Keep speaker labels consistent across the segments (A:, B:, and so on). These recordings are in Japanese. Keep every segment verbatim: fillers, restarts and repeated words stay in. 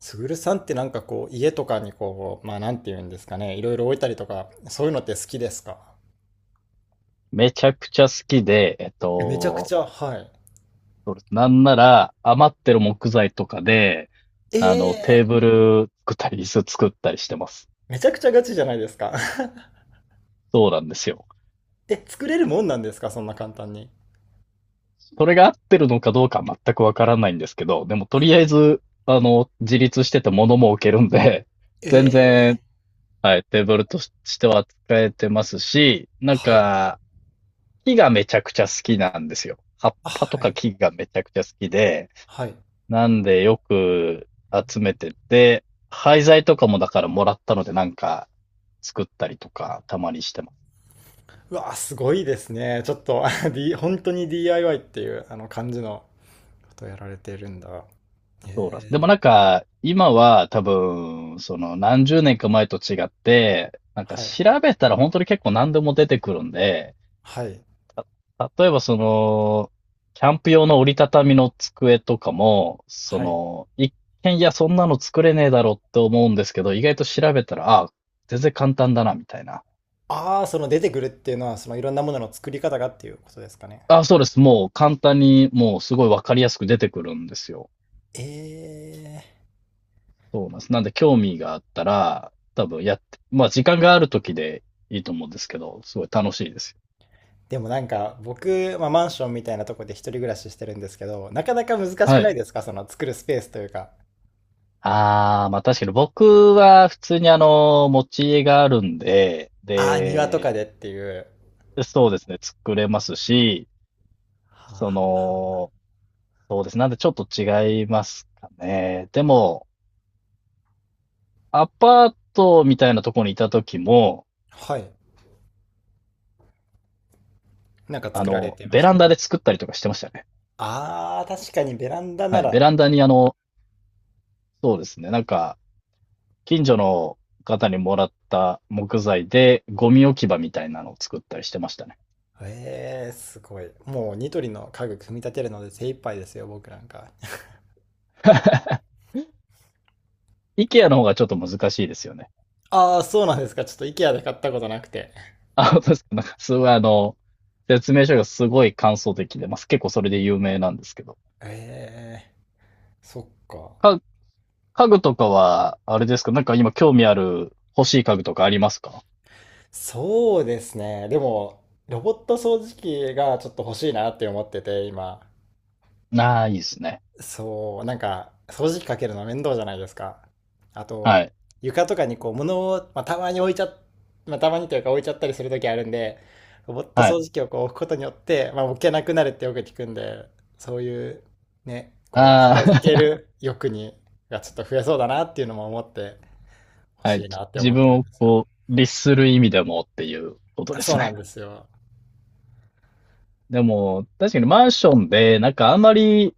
A: すぐるさんってなんかこう、家とかにこう、まあなんていうんですかね、いろいろ置いたりとか、そういうのって好きですか？
B: めちゃくちゃ好きで、えっ
A: めちゃく
B: と、
A: ちゃ、はい。
B: そうです。なんなら余ってる木材とかで、
A: え
B: あの、テー
A: えー。
B: ブル作ったり、椅子作ったりしてます。
A: めちゃくちゃガチじゃないですか。
B: そうなんですよ。
A: え、作れるもんなんですかそんな簡単に。
B: それが合ってるのかどうかは全くわからないんですけど、でもとりあえず、あの、自立してて物も置けるんで、
A: え
B: 全然、
A: えー。
B: はい、テーブルとしては使えてますし、なん
A: はい。
B: か、木がめちゃくちゃ好きなんですよ。葉っ
A: あ、
B: ぱと
A: は
B: か
A: い。
B: 木がめちゃくちゃ好きで、
A: はい。
B: なんでよく集めてて、廃材とかもだからもらったのでなんか作ったりとかたまにしてます。
A: うわ、すごいですね。ちょっと、あ D、本当に ディーアイワイ っていうあの感じのことをやられてるんだ。
B: そうです。で
A: え
B: も
A: え。
B: なんか今は多分その何十年か前と違って、なんか
A: はい。
B: 調べたら本当に結構何でも出てくるんで、
A: はい。
B: た例えばそのキャンプ用の折りたたみの机とかも、そ
A: はい。
B: の一見いやそんなの作れねえだろって思うんですけど、意外と調べたら、ああ、全然簡単だなみたいな。
A: ああ、その出てくるっていうのは、そのいろんなものの作り方がっていうことですかね？
B: あ、そうです。もう簡単に、もうすごいわかりやすく出てくるんですよ。
A: え
B: そうなんです。なんで興味があったら、多分やって、まあ時間がある時でいいと思うんですけど、すごい楽しいですよ。
A: ー、でもなんか僕、まあ、マンションみたいなとこで一人暮らししてるんですけど、なかなか難しく
B: は
A: な
B: い。
A: いですかその作るスペースというか？
B: ああ、まあ確かに僕は普通にあの、持ち家があるんで、
A: ああ、庭と
B: で、
A: かでっていう。
B: そうですね、作れますし、そ
A: はあ、
B: の、そうです。なんでちょっと違いますかね。でも、アパートみたいなところにいた時も、
A: はい。なんか
B: あ
A: 作られ
B: の、
A: てま
B: ベ
A: し
B: ラ
A: た？
B: ンダで作ったりとかしてましたね。
A: ああ、確かにベランダな
B: はい、ベ
A: ら。
B: ランダにあの、そうですね、なんか、近所の方にもらった木材で、ゴミ置き場みたいなのを作ったりしてましたね。
A: えー、すごい。もうニトリの家具組み立てるので精一杯ですよ、僕なんか。
B: IKEA の方がちょっと難しいですよね。
A: ああ、そうなんですか。ちょっと IKEA で買ったことなくて。
B: あ、本当ですか。なんか、すごいあの、説明書がすごい簡素的で、まあ、結構それで有名なんですけど。
A: ええー、そっか。
B: か、家具とかは、あれですか、なんか今興味ある欲しい家具とかありますか？
A: そうですね。でも、ロボット掃除機がちょっと欲しいなって思ってて、今。
B: ああー、いいですね。
A: そう、なんか、掃除機かけるの面倒じゃないですか。あと、
B: はい。
A: 床とかにこう、物を、まあ、たまに置いちゃ、まあ、たまにというか置いちゃったりする時あるんで、ロボット
B: はい。
A: 掃除機をこう置くことによって、まあ、置けなくなるってよく聞くんで、そういう、ね、こう、片付け
B: あ
A: る欲に、がちょっと増えそうだなっていうのも思って、欲
B: あ、は
A: し
B: い。
A: いなって思
B: 自
A: っ
B: 分
A: てるん
B: を
A: ですよ。
B: こう、律する意味でもっていうこと
A: あ、
B: で
A: そ
B: す
A: うなん
B: ね。
A: ですよ。
B: でも、確かにマンションで、なんかあんまり、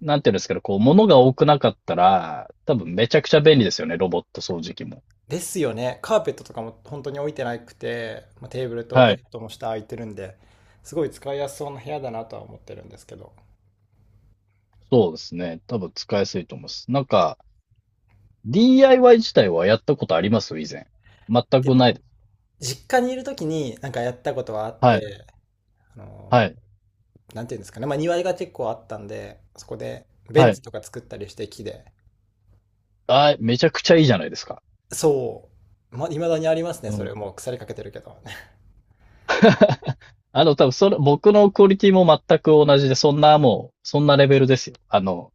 B: なんていうんですけど、こう、物が多くなかったら、多分めちゃくちゃ便利ですよね、ロボット掃除機も。
A: ですよね。カーペットとかも本当に置いてなくて、まあ、テーブルと
B: は
A: ベ
B: い。
A: ッドの下空いてるんで、すごい使いやすそうな部屋だなとは思ってるんですけど。
B: そうですね。多分使いやすいと思います。なんか、ディーアイワイ 自体はやったことあります、以前。全
A: で
B: くない
A: も、
B: です。
A: 実家にいる時になんかやったことはあっ
B: はい。
A: て、あ
B: は
A: の
B: い。
A: ー、なんていうんですかね。まあ庭が結構あったんで、そこでベ
B: は
A: ン
B: い。
A: チとか作ったりして木で。
B: あー、めちゃくちゃいいじゃないですか。
A: そう。ま、未だにありますね。
B: う
A: そ
B: ん。
A: れもう腐りかけてるけど。
B: あの、多分それ、僕のクオリティも全く同じで、そんなもう、そんなレベルですよ。あの、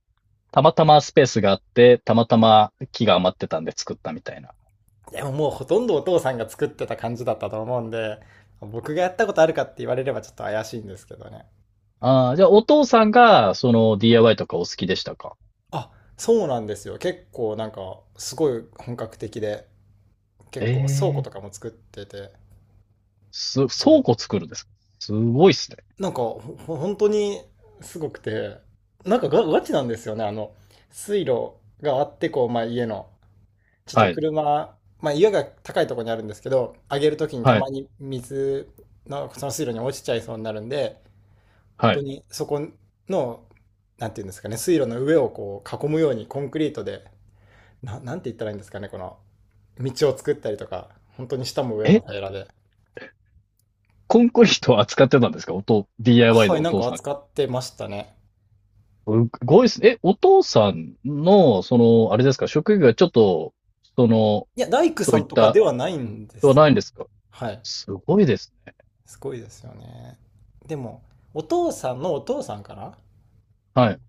B: たまたまスペースがあって、たまたま木が余ってたんで作ったみたいな。
A: でももうほとんどお父さんが作ってた感じだったと思うんで、僕がやったことあるかって言われればちょっと怪しいんですけどね。
B: ああ、じゃあお父さんが、その ディーアイワイ とかお好きでしたか？
A: あ、そうなんですよ。結構なんか、すごい本格的で、結構倉庫
B: ええ、
A: とかも作ってて、
B: す、
A: 綺
B: 倉
A: 麗。
B: 庫作るんですか？すごいっすね。
A: なんか、ほ、ほ本当にすごくて、なんかガ、ガチなんですよね。あの、水路があって、こう、まあ家の、ちょっと
B: はい、
A: 車、まあ家が高いところにあるんですけど、上げるときにた
B: はい、
A: まに水、のその水路に落ちちゃいそうになるんで、本
B: は
A: 当
B: い。
A: にそこの、なんていうんですかね、水路の上をこう囲むようにコンクリートで、な、なんて言ったらいいんですかね、この、道を作ったりとか、本当に下も上
B: え、
A: も平らで。
B: コンクリートを扱ってたんですか、おと、ディーアイワイ
A: は
B: で
A: い、
B: お
A: なん
B: 父
A: か
B: さん。
A: 扱ってましたね。
B: すごいっすね。え、お父さんの、その、あれですか、職業がちょっと、その、
A: いや、大工
B: そ
A: さ
B: ういっ
A: んとか
B: た、
A: ではないんで
B: では
A: すよ。
B: ないんですか？
A: はい。
B: すごいですね。
A: すごいですよね。でも、お父さんのお父さんかな、
B: は
A: ん、
B: い、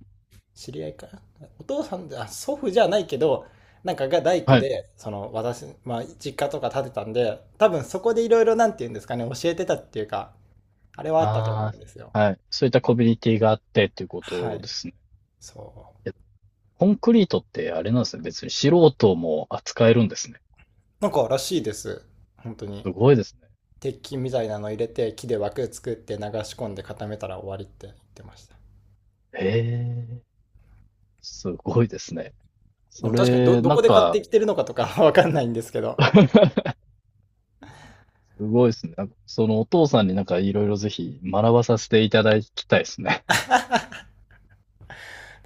A: 知り合いかな、お父さんで、あ、祖父じゃないけど、なんかが大工
B: はい。
A: で、その私、まあ、実家とか建てたんで、多分そこでいろいろなんて言うんですかね、教えてたっていうか、あれはあったと思
B: あ
A: うんですよ。
B: あ、はい。そういったコミュニティがあってっていうこ
A: は
B: と
A: い。
B: ですね。
A: そう。
B: コンクリートってあれなんですね。別に素人も扱えるんですね。
A: なんからしいです。本当に。
B: すごいですね。
A: 鉄筋みたいなの入れて木で枠作って流し込んで固めたら終わりって言ってました。
B: へえ、すごいですね。
A: で
B: そ
A: も確かにど
B: れ、
A: ど
B: なん
A: こで買って
B: か、
A: きてるのかとかわかんないんですけど。
B: すごいですね。なんかそのお父さんになんかいろいろぜひ学ばさせていただきたいですね。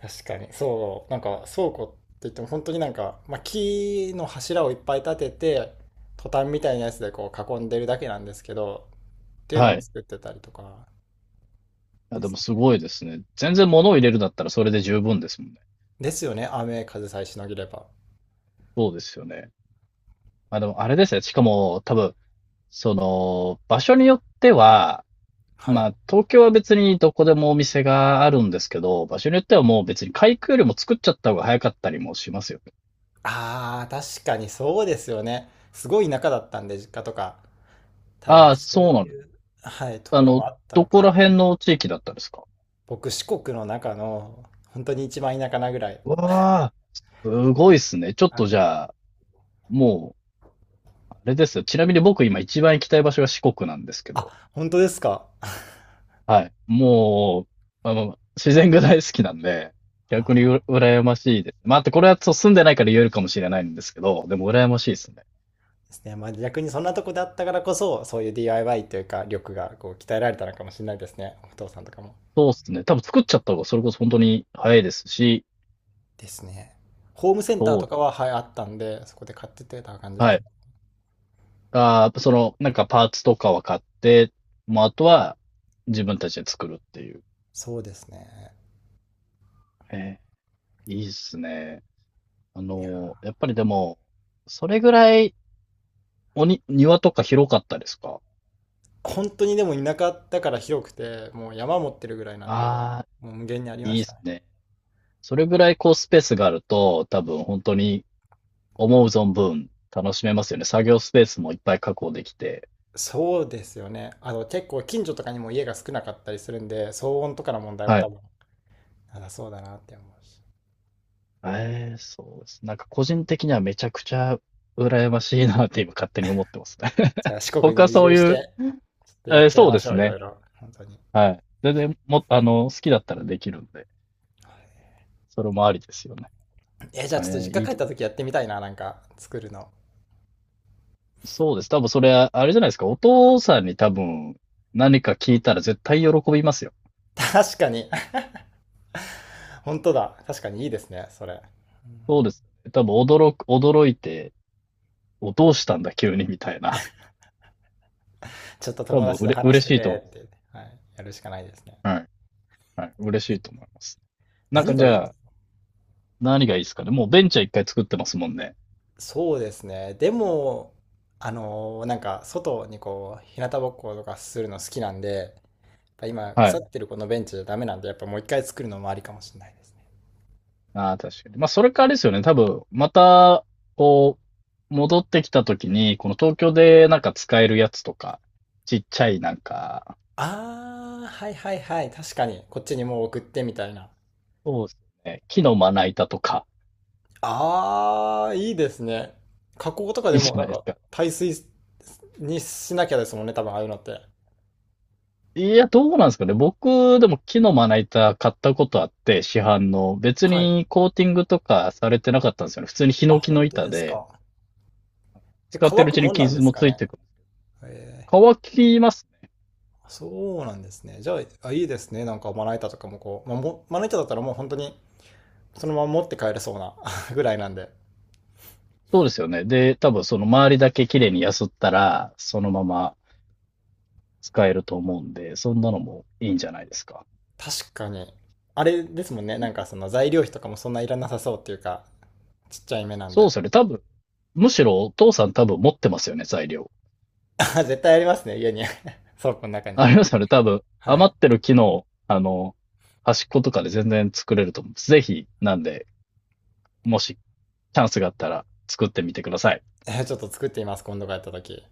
A: 確かに、そう、なんか倉庫って言っても本当になんか、まあ、木の柱をいっぱい立ててトタンみたいなやつでこう囲んでるだけなんですけどっ ていうの
B: は
A: も
B: い。
A: 作ってたりとか。
B: あ、
A: で
B: で
A: す
B: もす
A: ね。
B: ごいですね。全然物を入れるんだったらそれで十分ですもんね。
A: ですよね、雨風さえしのげれば。
B: そうですよね。あ、でもあれですね。しかも多分、その、場所によっては、
A: は
B: ま
A: い。
B: あ、東京は別にどこでもお店があるんですけど、場所によってはもう別に開くよりも作っちゃった方が早かったりもしますよね。
A: あー、確かにそうですよね。すごい田舎だったんで実家とか、多分
B: ああ、
A: そ
B: そう
A: う
B: なんです。
A: いう、はい、と
B: あ
A: ころ
B: の、
A: もあった
B: ど
A: のかな。
B: こら辺の地域だったんですか？
A: 僕、四国の中の、本当に一番田舎なぐらい。
B: わあ、すごいっすね。ちょっ
A: あ
B: とじ
A: の、
B: ゃあ、もう、あれですよ。ちなみに僕今一番行きたい場所が四国なんですけど、
A: あ、本当ですか。
B: はい。もう、あの、自然が大好きなんで、逆に
A: あ
B: うら羨ましいです。まあ、あとこれはそう住んでないから言えるかもしれないんですけど、でも羨ましいですね。
A: ー、ですね。まあ逆にそんなとこであったからこそ、そういう ディーアイワイ というか、力がこう鍛えられたのかもしれないですね。お父さんとかも。
B: そうっすね。多分作っちゃった方がそれこそ本当に早いですし、
A: ですね。ホームセンター
B: そう
A: と
B: で
A: かは、
B: す。
A: はい、あったんで、そこで買ってってた感じで
B: は
A: すね。
B: い。あー、やっぱその、なんかパーツとかは買って、もうあとは自分たちで作るっていう。
A: そうですね。
B: えー、いいっすね。あ
A: いや、
B: のー、やっぱりでも、それぐらいおに、庭とか広かったですか？
A: 本当にでも田舎だから広くて、もう山持ってるぐらいなんで、
B: ああ
A: もう無限にあり
B: ー、
A: ま
B: いい
A: し
B: っ
A: た
B: す
A: ね。
B: ね。それぐらいこうスペースがあると、多分本当に思う存分楽しめますよね。作業スペースもいっぱい確保できて。
A: そうですよね。あの、結構近所とかにも家が少なかったりするんで、騒音とかの問題も
B: は
A: 多
B: い。
A: 分なさそうだなって思うし。
B: ええ、そうです。なんか個人的にはめちゃくちゃ羨ましいなって今勝手に思ってますね。
A: じゃ あ四国
B: 僕
A: に
B: は
A: 移
B: そう
A: 住し
B: いう、
A: て、ちょっとや
B: えー
A: っちゃい
B: そう
A: ま
B: で
A: し
B: す
A: ょう、いろ
B: ね。
A: いろ。本当に。
B: はい。全然も、あの、好きだったらできるんで、それもありですよね。
A: え、じゃあ
B: え
A: ちょっと
B: ー
A: 実家
B: いい
A: 帰っ
B: で
A: た時やってみたいな、なんか作るの。
B: す。そうです。多分それは、あれじゃないですか。お父さんに多分何か聞いたら絶対喜びますよ。
A: 確かに、本当だ。確かにいいですね、それ。
B: そうです。多分驚く、驚いて、お、どうしたんだ急にみたいな。
A: ちょっと
B: 多
A: 友
B: 分
A: 達
B: う
A: と
B: れ、
A: 話し
B: 嬉
A: て
B: しいと思
A: て
B: い
A: って、はい、やるしかないですね。
B: ます。はい。はい。嬉しいと思います。なん
A: 何
B: かじ
A: がいい？
B: ゃあ、何がいいですかね。もうベンチャー一回作ってますもんね。
A: そうですね。でも、あのーなんか外にこう、日向ぼっことかするの好きなんで、ぱ今、
B: は
A: 腐
B: い。
A: ってるこのベンチじゃダメなんで、やっぱもういっかい作るのもありかもしれないですね。
B: ああ、確かに。まあ、それからあれですよね。多分、また、こう、戻ってきた時に、この東京でなんか使えるやつとか、ちっちゃいなんか、
A: あー、はいはいはい。確かに、こっちにもう送ってみたいな。
B: そうですね。木のまな板とか、
A: あー、いいですね。加工とか
B: い
A: で
B: いじ
A: も
B: ゃ
A: な
B: ない
A: ん
B: です
A: か、
B: か。
A: 耐水にしなきゃですもんね、多分ああいうのって。
B: いや、どうなんですかね。僕、でも木のまな板買ったことあって、市販の。別
A: はい。
B: にコーティングとかされてなかったんですよね。普通にヒ
A: あ、
B: ノキの
A: 本当
B: 板
A: です
B: で、
A: か。え、
B: 使って
A: 乾
B: るう
A: く
B: ち
A: も
B: に
A: んなんで
B: 傷
A: す
B: も
A: か
B: つい
A: ね。
B: てくる。
A: え
B: 乾きます。
A: ー、そうなんですね。じゃあ、あ、いいですね。なんかまな板とかもこう、まあ、もまな板だったらもう本当にそのまま持って帰れそうな ぐらいなんで。
B: そうですよね。で、多分その周りだけ綺麗にやすったら、そのまま使えると思うんで、そんなのもいいんじゃないですか。
A: 確かに。あれですもんね。
B: う
A: な
B: ん、
A: んかその材料費とかもそんないらなさそうっていうか、ちっちゃい目なん
B: そうで
A: で。
B: すよね。多分、むしろお父さん多分持ってますよね、材料。
A: あ、絶対ありますね、家に。倉庫の中に。
B: ありますよね。多分、
A: はい。
B: 余ってる木の、あの、端っことかで全然作れると思う。ぜひ、なんで、もしチャンスがあったら作ってみてください。
A: えーちょっと作ってみます、今度帰った時。